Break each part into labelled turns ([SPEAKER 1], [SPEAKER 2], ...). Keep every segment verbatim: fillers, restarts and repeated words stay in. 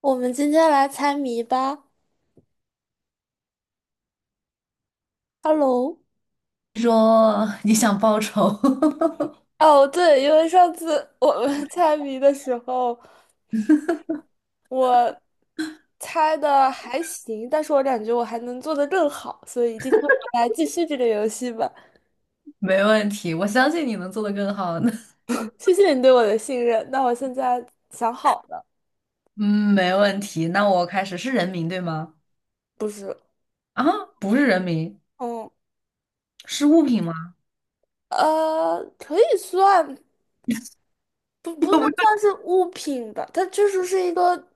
[SPEAKER 1] 我们今天来猜谜吧。Hello，
[SPEAKER 2] 说你想报仇。
[SPEAKER 1] 哦，对，因为上次我们 猜谜的时候，我猜的还行，但是我感觉我还能做的更好，所以今天我们来继续这个游戏吧。
[SPEAKER 2] 没问题，我相信你能做得更好的。
[SPEAKER 1] 谢谢你对我的信任。那我现在想好了，
[SPEAKER 2] 嗯，没问题。那我开始是人名对吗？
[SPEAKER 1] 不是，
[SPEAKER 2] 啊，不是人名，
[SPEAKER 1] 嗯，
[SPEAKER 2] 是物品吗？
[SPEAKER 1] 呃，可以算，不
[SPEAKER 2] 有
[SPEAKER 1] 不能
[SPEAKER 2] 没有？
[SPEAKER 1] 算是物品吧，它确实是一个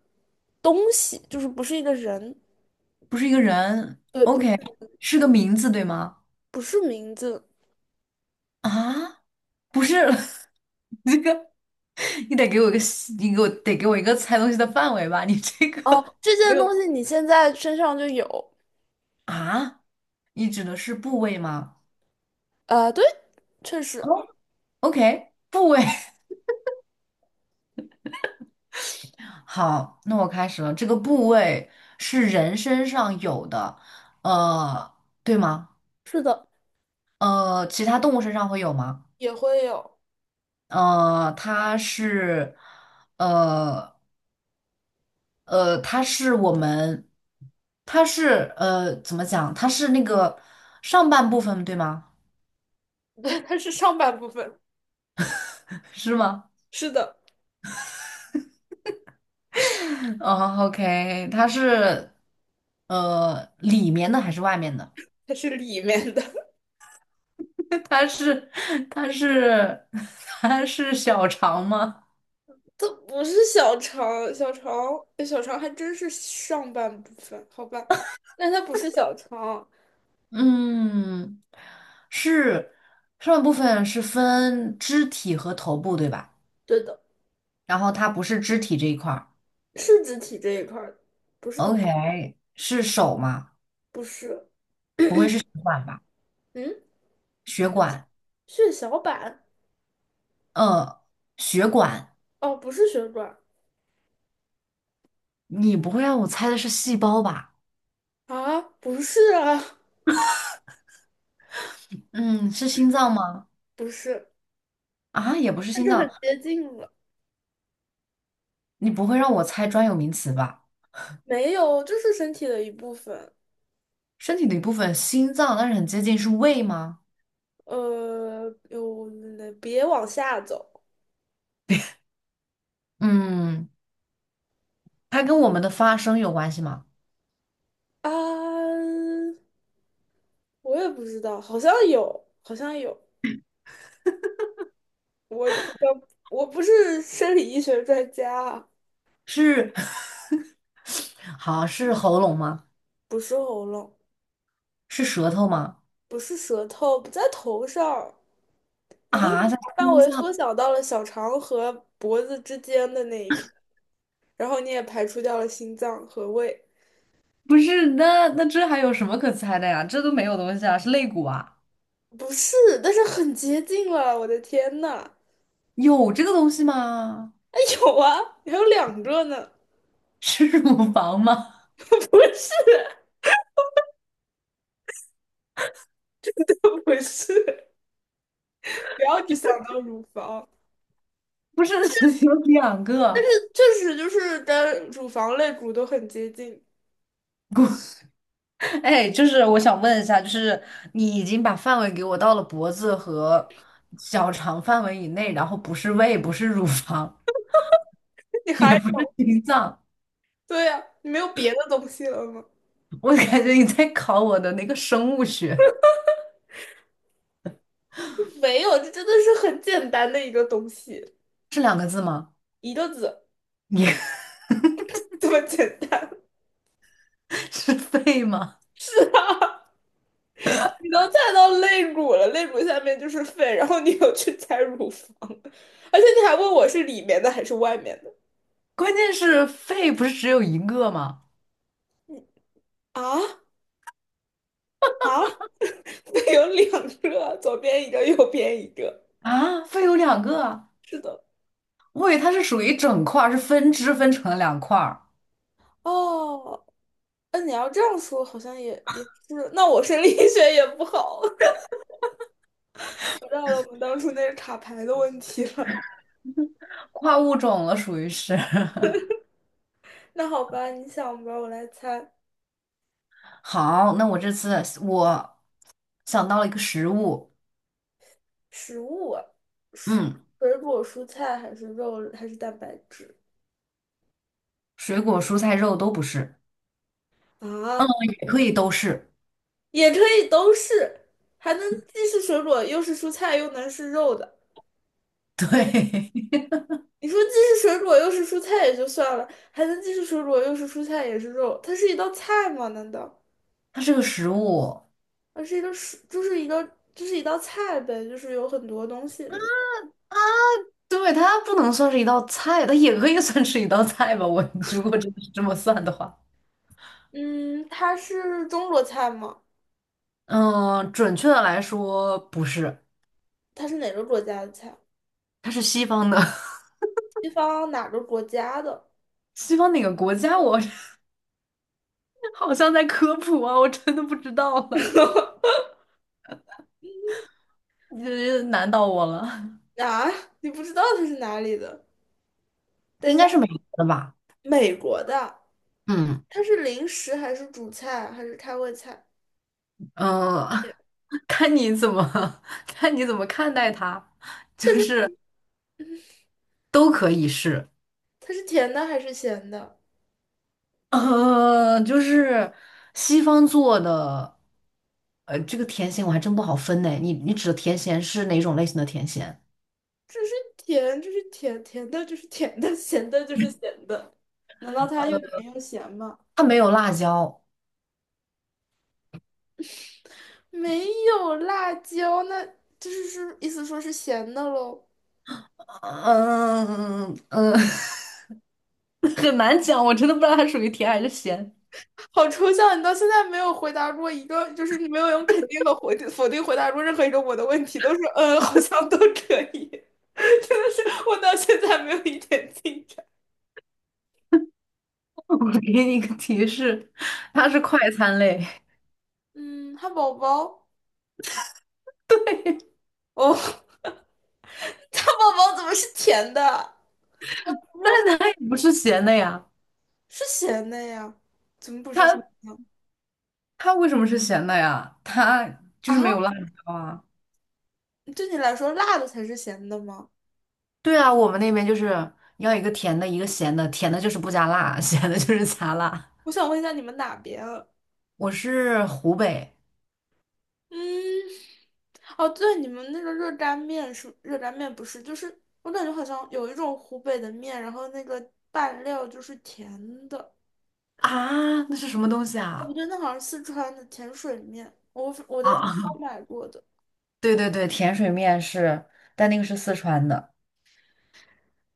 [SPEAKER 1] 东西，就是不是一个人，
[SPEAKER 2] 不是一个人。
[SPEAKER 1] 对，不是
[SPEAKER 2] OK,是个名字对吗？
[SPEAKER 1] 不是名字，
[SPEAKER 2] 啊，不是，你这个你得给我一个细你给我得给我一个猜东西的范围吧？你这
[SPEAKER 1] 哦，
[SPEAKER 2] 个
[SPEAKER 1] 这
[SPEAKER 2] 没
[SPEAKER 1] 件
[SPEAKER 2] 有，
[SPEAKER 1] 东西你现在身上就有，
[SPEAKER 2] 啊，你指的是部位吗
[SPEAKER 1] 呃，对，确实
[SPEAKER 2] ？OK,部位。好，那我开始了。这个部位是人身上有的，呃，对吗？
[SPEAKER 1] 是的，
[SPEAKER 2] 呃，其他动物身上会有吗？
[SPEAKER 1] 也会有，
[SPEAKER 2] 呃，它是，呃呃，它是我们，它是呃，怎么讲？它是那个上半部分，对吗？
[SPEAKER 1] 对，它是上半部分，
[SPEAKER 2] 是吗？
[SPEAKER 1] 是的，
[SPEAKER 2] 哦，OK,它是呃里面的还是外面的？
[SPEAKER 1] 它是里面的，
[SPEAKER 2] 它是它是 它是小肠吗？
[SPEAKER 1] 它不是小肠，小肠，哎小肠还真是上半部分，好吧，但它不是小肠，
[SPEAKER 2] 嗯，是上半部分是分肢体和头部，对吧？
[SPEAKER 1] 对的，
[SPEAKER 2] 然后它不是肢体这一块儿
[SPEAKER 1] 是肢体这一块儿的，不是头，
[SPEAKER 2] ，OK,是手吗？
[SPEAKER 1] 不是，
[SPEAKER 2] 血管吧，
[SPEAKER 1] 嗯，
[SPEAKER 2] 血管，
[SPEAKER 1] 血小板，
[SPEAKER 2] 呃，血管，
[SPEAKER 1] 哦，不是血管
[SPEAKER 2] 你不会让我猜的是细胞吧？
[SPEAKER 1] 啊，不是啊，
[SPEAKER 2] 嗯，是心脏吗？
[SPEAKER 1] 不是，
[SPEAKER 2] 啊，也不是
[SPEAKER 1] 那
[SPEAKER 2] 心
[SPEAKER 1] 就很
[SPEAKER 2] 脏，
[SPEAKER 1] 接近了。
[SPEAKER 2] 你不会让我猜专有名词吧？
[SPEAKER 1] 没有，就是身体的一部分。
[SPEAKER 2] 身体的一部分，心脏，但是很接近，是胃吗？
[SPEAKER 1] 呃，有，那别往下走
[SPEAKER 2] 嗯，它跟我们的发声有关系吗？
[SPEAKER 1] 啊！我也不知道，好像有，好像有。我好像我不是生理医学专家啊，
[SPEAKER 2] 是。 好，是喉咙吗？
[SPEAKER 1] 不是喉咙，
[SPEAKER 2] 是舌头吗？
[SPEAKER 1] 不是舌头，不在头上。你都已
[SPEAKER 2] 啊，
[SPEAKER 1] 经
[SPEAKER 2] 在
[SPEAKER 1] 把范
[SPEAKER 2] 心
[SPEAKER 1] 围
[SPEAKER 2] 脏？
[SPEAKER 1] 缩小到了小肠和脖子之间的那一片，然后你也排除掉了心脏和胃，
[SPEAKER 2] 不是，那那这还有什么可猜的呀？这都没有东西啊，是肋骨啊？
[SPEAKER 1] 不是，但是很接近了。我的天呐，
[SPEAKER 2] 有这个东西吗？
[SPEAKER 1] 哎，有啊，还有两个呢。
[SPEAKER 2] 是乳房吗？
[SPEAKER 1] 不是，不是，不要只想到乳房，
[SPEAKER 2] 不是，有两个
[SPEAKER 1] 确实就是跟乳房肋骨都很接近。
[SPEAKER 2] 骨。哎，就是我想问一下，就是你已经把范围给我到了脖子和小肠范围以内，然后不是胃，不是乳房，
[SPEAKER 1] 你
[SPEAKER 2] 也
[SPEAKER 1] 还
[SPEAKER 2] 不是心脏，
[SPEAKER 1] 对呀，啊你没有别的东西了吗？
[SPEAKER 2] 我感觉你在考我的那个生物学。
[SPEAKER 1] 没有，这真的是很简单的一个东西，
[SPEAKER 2] 是两个字吗？
[SPEAKER 1] 一个字，
[SPEAKER 2] 你
[SPEAKER 1] 这么简单。
[SPEAKER 2] 是肺 吗？
[SPEAKER 1] 是啊，你都猜到肋骨了，肋骨下面就是肺，然后你又去猜乳房，而且你还问我是里面的还是外面的
[SPEAKER 2] 关键是肺不是只有一个吗？
[SPEAKER 1] 啊啊？有两个，左边一个，右边一个。
[SPEAKER 2] 啊，肺有两个啊，
[SPEAKER 1] 是的。
[SPEAKER 2] 我以为它是属于一整块儿，是分支分成了两块儿，
[SPEAKER 1] 哦，那你要这样说，好像也也是。那我生理 学也不好，回到了我们当初那个卡牌的问题了。
[SPEAKER 2] 跨物种了，属于是。
[SPEAKER 1] 那好吧，你想吧，我来猜。
[SPEAKER 2] 好，那我这次我想到了一个食物，
[SPEAKER 1] 食物啊，
[SPEAKER 2] 嗯，
[SPEAKER 1] 水果、蔬菜还是肉还是蛋白质
[SPEAKER 2] 水果、蔬菜、肉都不是，
[SPEAKER 1] 啊？
[SPEAKER 2] 也可以都是，
[SPEAKER 1] 也可以都是，还能既是水果又是蔬菜又能是肉的。你说既是水果又是蔬菜也就算了，还能既是水果又是蔬菜也是肉，它是一道菜吗？难道？
[SPEAKER 2] 它是个食物。
[SPEAKER 1] 它是一个水，就是一个，就是一道菜呗，就是有很多东西里面。
[SPEAKER 2] 对，它不能算是一道菜，它也可以算是一道菜吧。我如果真的是这么算的话，
[SPEAKER 1] 嗯，它是中国菜吗？
[SPEAKER 2] 嗯，准确的来说不是。
[SPEAKER 1] 它是哪个国家的菜？
[SPEAKER 2] 它是西方的，
[SPEAKER 1] 西方哪个国家的？
[SPEAKER 2] 西方哪个国家？我 好像在科普啊，我真的不知道了，你这难到我了。
[SPEAKER 1] 啊，你不知道它是哪里的？等
[SPEAKER 2] 应
[SPEAKER 1] 一下，
[SPEAKER 2] 该是美国的吧？
[SPEAKER 1] 美国的，
[SPEAKER 2] 嗯
[SPEAKER 1] 它是零食还是主菜还是开胃菜？
[SPEAKER 2] 嗯，呃 看你怎么 看你怎么看待它，就是都可以是，
[SPEAKER 1] 它是甜的还是咸的？
[SPEAKER 2] 呃，就是西方做的，呃，这个甜咸我还真不好分呢。你你指的甜咸是哪种类型的甜咸？
[SPEAKER 1] 这是甜，这是甜，甜的就是甜的，咸的就是咸的。难道它
[SPEAKER 2] 呃，
[SPEAKER 1] 又甜又咸吗？
[SPEAKER 2] 它没有辣椒，
[SPEAKER 1] 没有辣椒，那就是是意思说是咸的喽。
[SPEAKER 2] 呃嗯嗯嗯。很难讲，我真的不知道它属于甜还是咸。
[SPEAKER 1] 好抽象，你到现在没有回答过一个，就是你没有用肯定和否定否定回答过任何一个我的问题，都是嗯，好像都可以，真的是我到现在没有一点进展。
[SPEAKER 2] 我给你一个提示，它是快餐类，
[SPEAKER 1] 嗯，汉堡包，哦，汉堡包怎么是甜的？
[SPEAKER 2] 它也不是咸的呀。
[SPEAKER 1] 是咸的呀？怎么不是咸
[SPEAKER 2] 它
[SPEAKER 1] 的？
[SPEAKER 2] 它为什么是咸的呀？它就是没
[SPEAKER 1] 啊？
[SPEAKER 2] 有辣椒啊。
[SPEAKER 1] 对你来说，辣的才是咸的吗？
[SPEAKER 2] 对啊，我们那边就是要一个甜的，一个咸的，甜的就是不加辣，咸的就是加辣。
[SPEAKER 1] 我想问一下你们哪边啊？
[SPEAKER 2] 我是湖北
[SPEAKER 1] 嗯，哦，对，你们那个热干面是热干面，不是？就是我感觉好像有一种湖北的面，然后那个拌料就是甜的。
[SPEAKER 2] 啊，那是什么东西
[SPEAKER 1] 哦，不
[SPEAKER 2] 啊？
[SPEAKER 1] 对，那好像是四川的甜水面，我我在中超
[SPEAKER 2] 啊，
[SPEAKER 1] 买过的。
[SPEAKER 2] 对对对，甜水面是，但那个是四川的。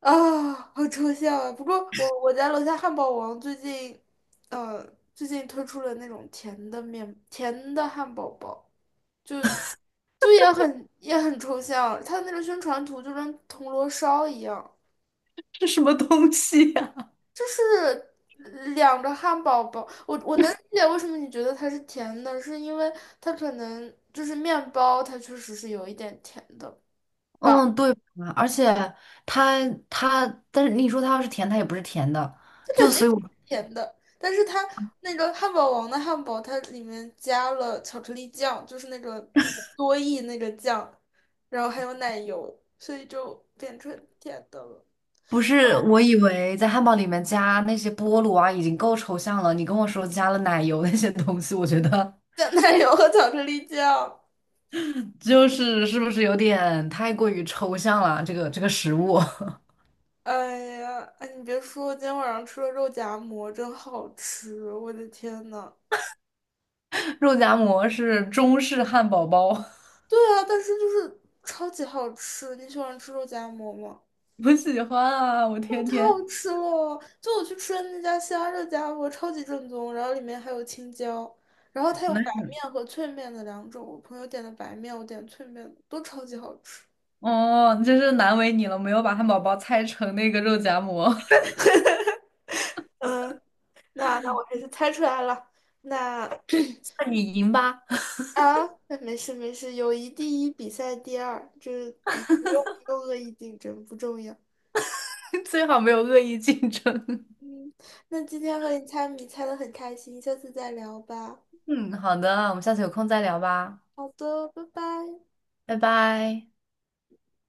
[SPEAKER 1] 啊，好抽象啊！不过我我家楼下汉堡王最近，呃，最近推出了那种甜的面，甜的汉堡包，就也很也很抽象，它的那个宣传图就跟铜锣烧一样。
[SPEAKER 2] 是什么东西呀、
[SPEAKER 1] 是两个汉堡包，我我能理解为什么你觉得它是甜的，是因为它可能就是面包，它确实是有一点甜的吧，
[SPEAKER 2] 嗯，对吧，而且它它，但是你说它要是甜，它也不是甜的，就
[SPEAKER 1] 肯定
[SPEAKER 2] 所以
[SPEAKER 1] 不
[SPEAKER 2] 我
[SPEAKER 1] 是甜的，但是它那个汉堡王的汉堡，它里面加了巧克力酱，就是那个多益那个酱，然后还有奶油，所以就变成甜的了，
[SPEAKER 2] 不是我以为在汉堡里面加那些菠萝啊已经够抽象了，你跟我说加了奶油那些东西，我觉得
[SPEAKER 1] 加奶油和巧克力酱。
[SPEAKER 2] 就是是不是有点太过于抽象了？这个这个食物，
[SPEAKER 1] 哎呀，哎，你别说，今天晚上吃了肉夹馍，真好吃！我的天呐。
[SPEAKER 2] 肉夹馍是中式汉堡包，
[SPEAKER 1] 对啊，但是就是超级好吃。你喜欢吃肉夹馍吗？
[SPEAKER 2] 我喜欢啊，我
[SPEAKER 1] 哇，
[SPEAKER 2] 天
[SPEAKER 1] 太
[SPEAKER 2] 天
[SPEAKER 1] 好吃了！就我去吃的那家虾肉夹馍，超级正宗，然后里面还有青椒，然后它有
[SPEAKER 2] 难
[SPEAKER 1] 白面和脆面的两种。我朋友点的白面，我点脆面的，都超级好吃。
[SPEAKER 2] 哦，真是难为你了，没有把汉堡包拆成那个肉夹馍，
[SPEAKER 1] 嗯，那那我还是猜出来了。那
[SPEAKER 2] 那你赢吧。
[SPEAKER 1] 啊，那没事没事，友谊第一，比赛第二，这不不用不用恶意竞争，不重要。
[SPEAKER 2] 最好没有恶意竞争。
[SPEAKER 1] 嗯，那今天和你猜谜猜的很开心，下次再聊吧。
[SPEAKER 2] 嗯，好的，我们下次有空再聊吧，
[SPEAKER 1] 好的，拜拜。
[SPEAKER 2] 拜拜。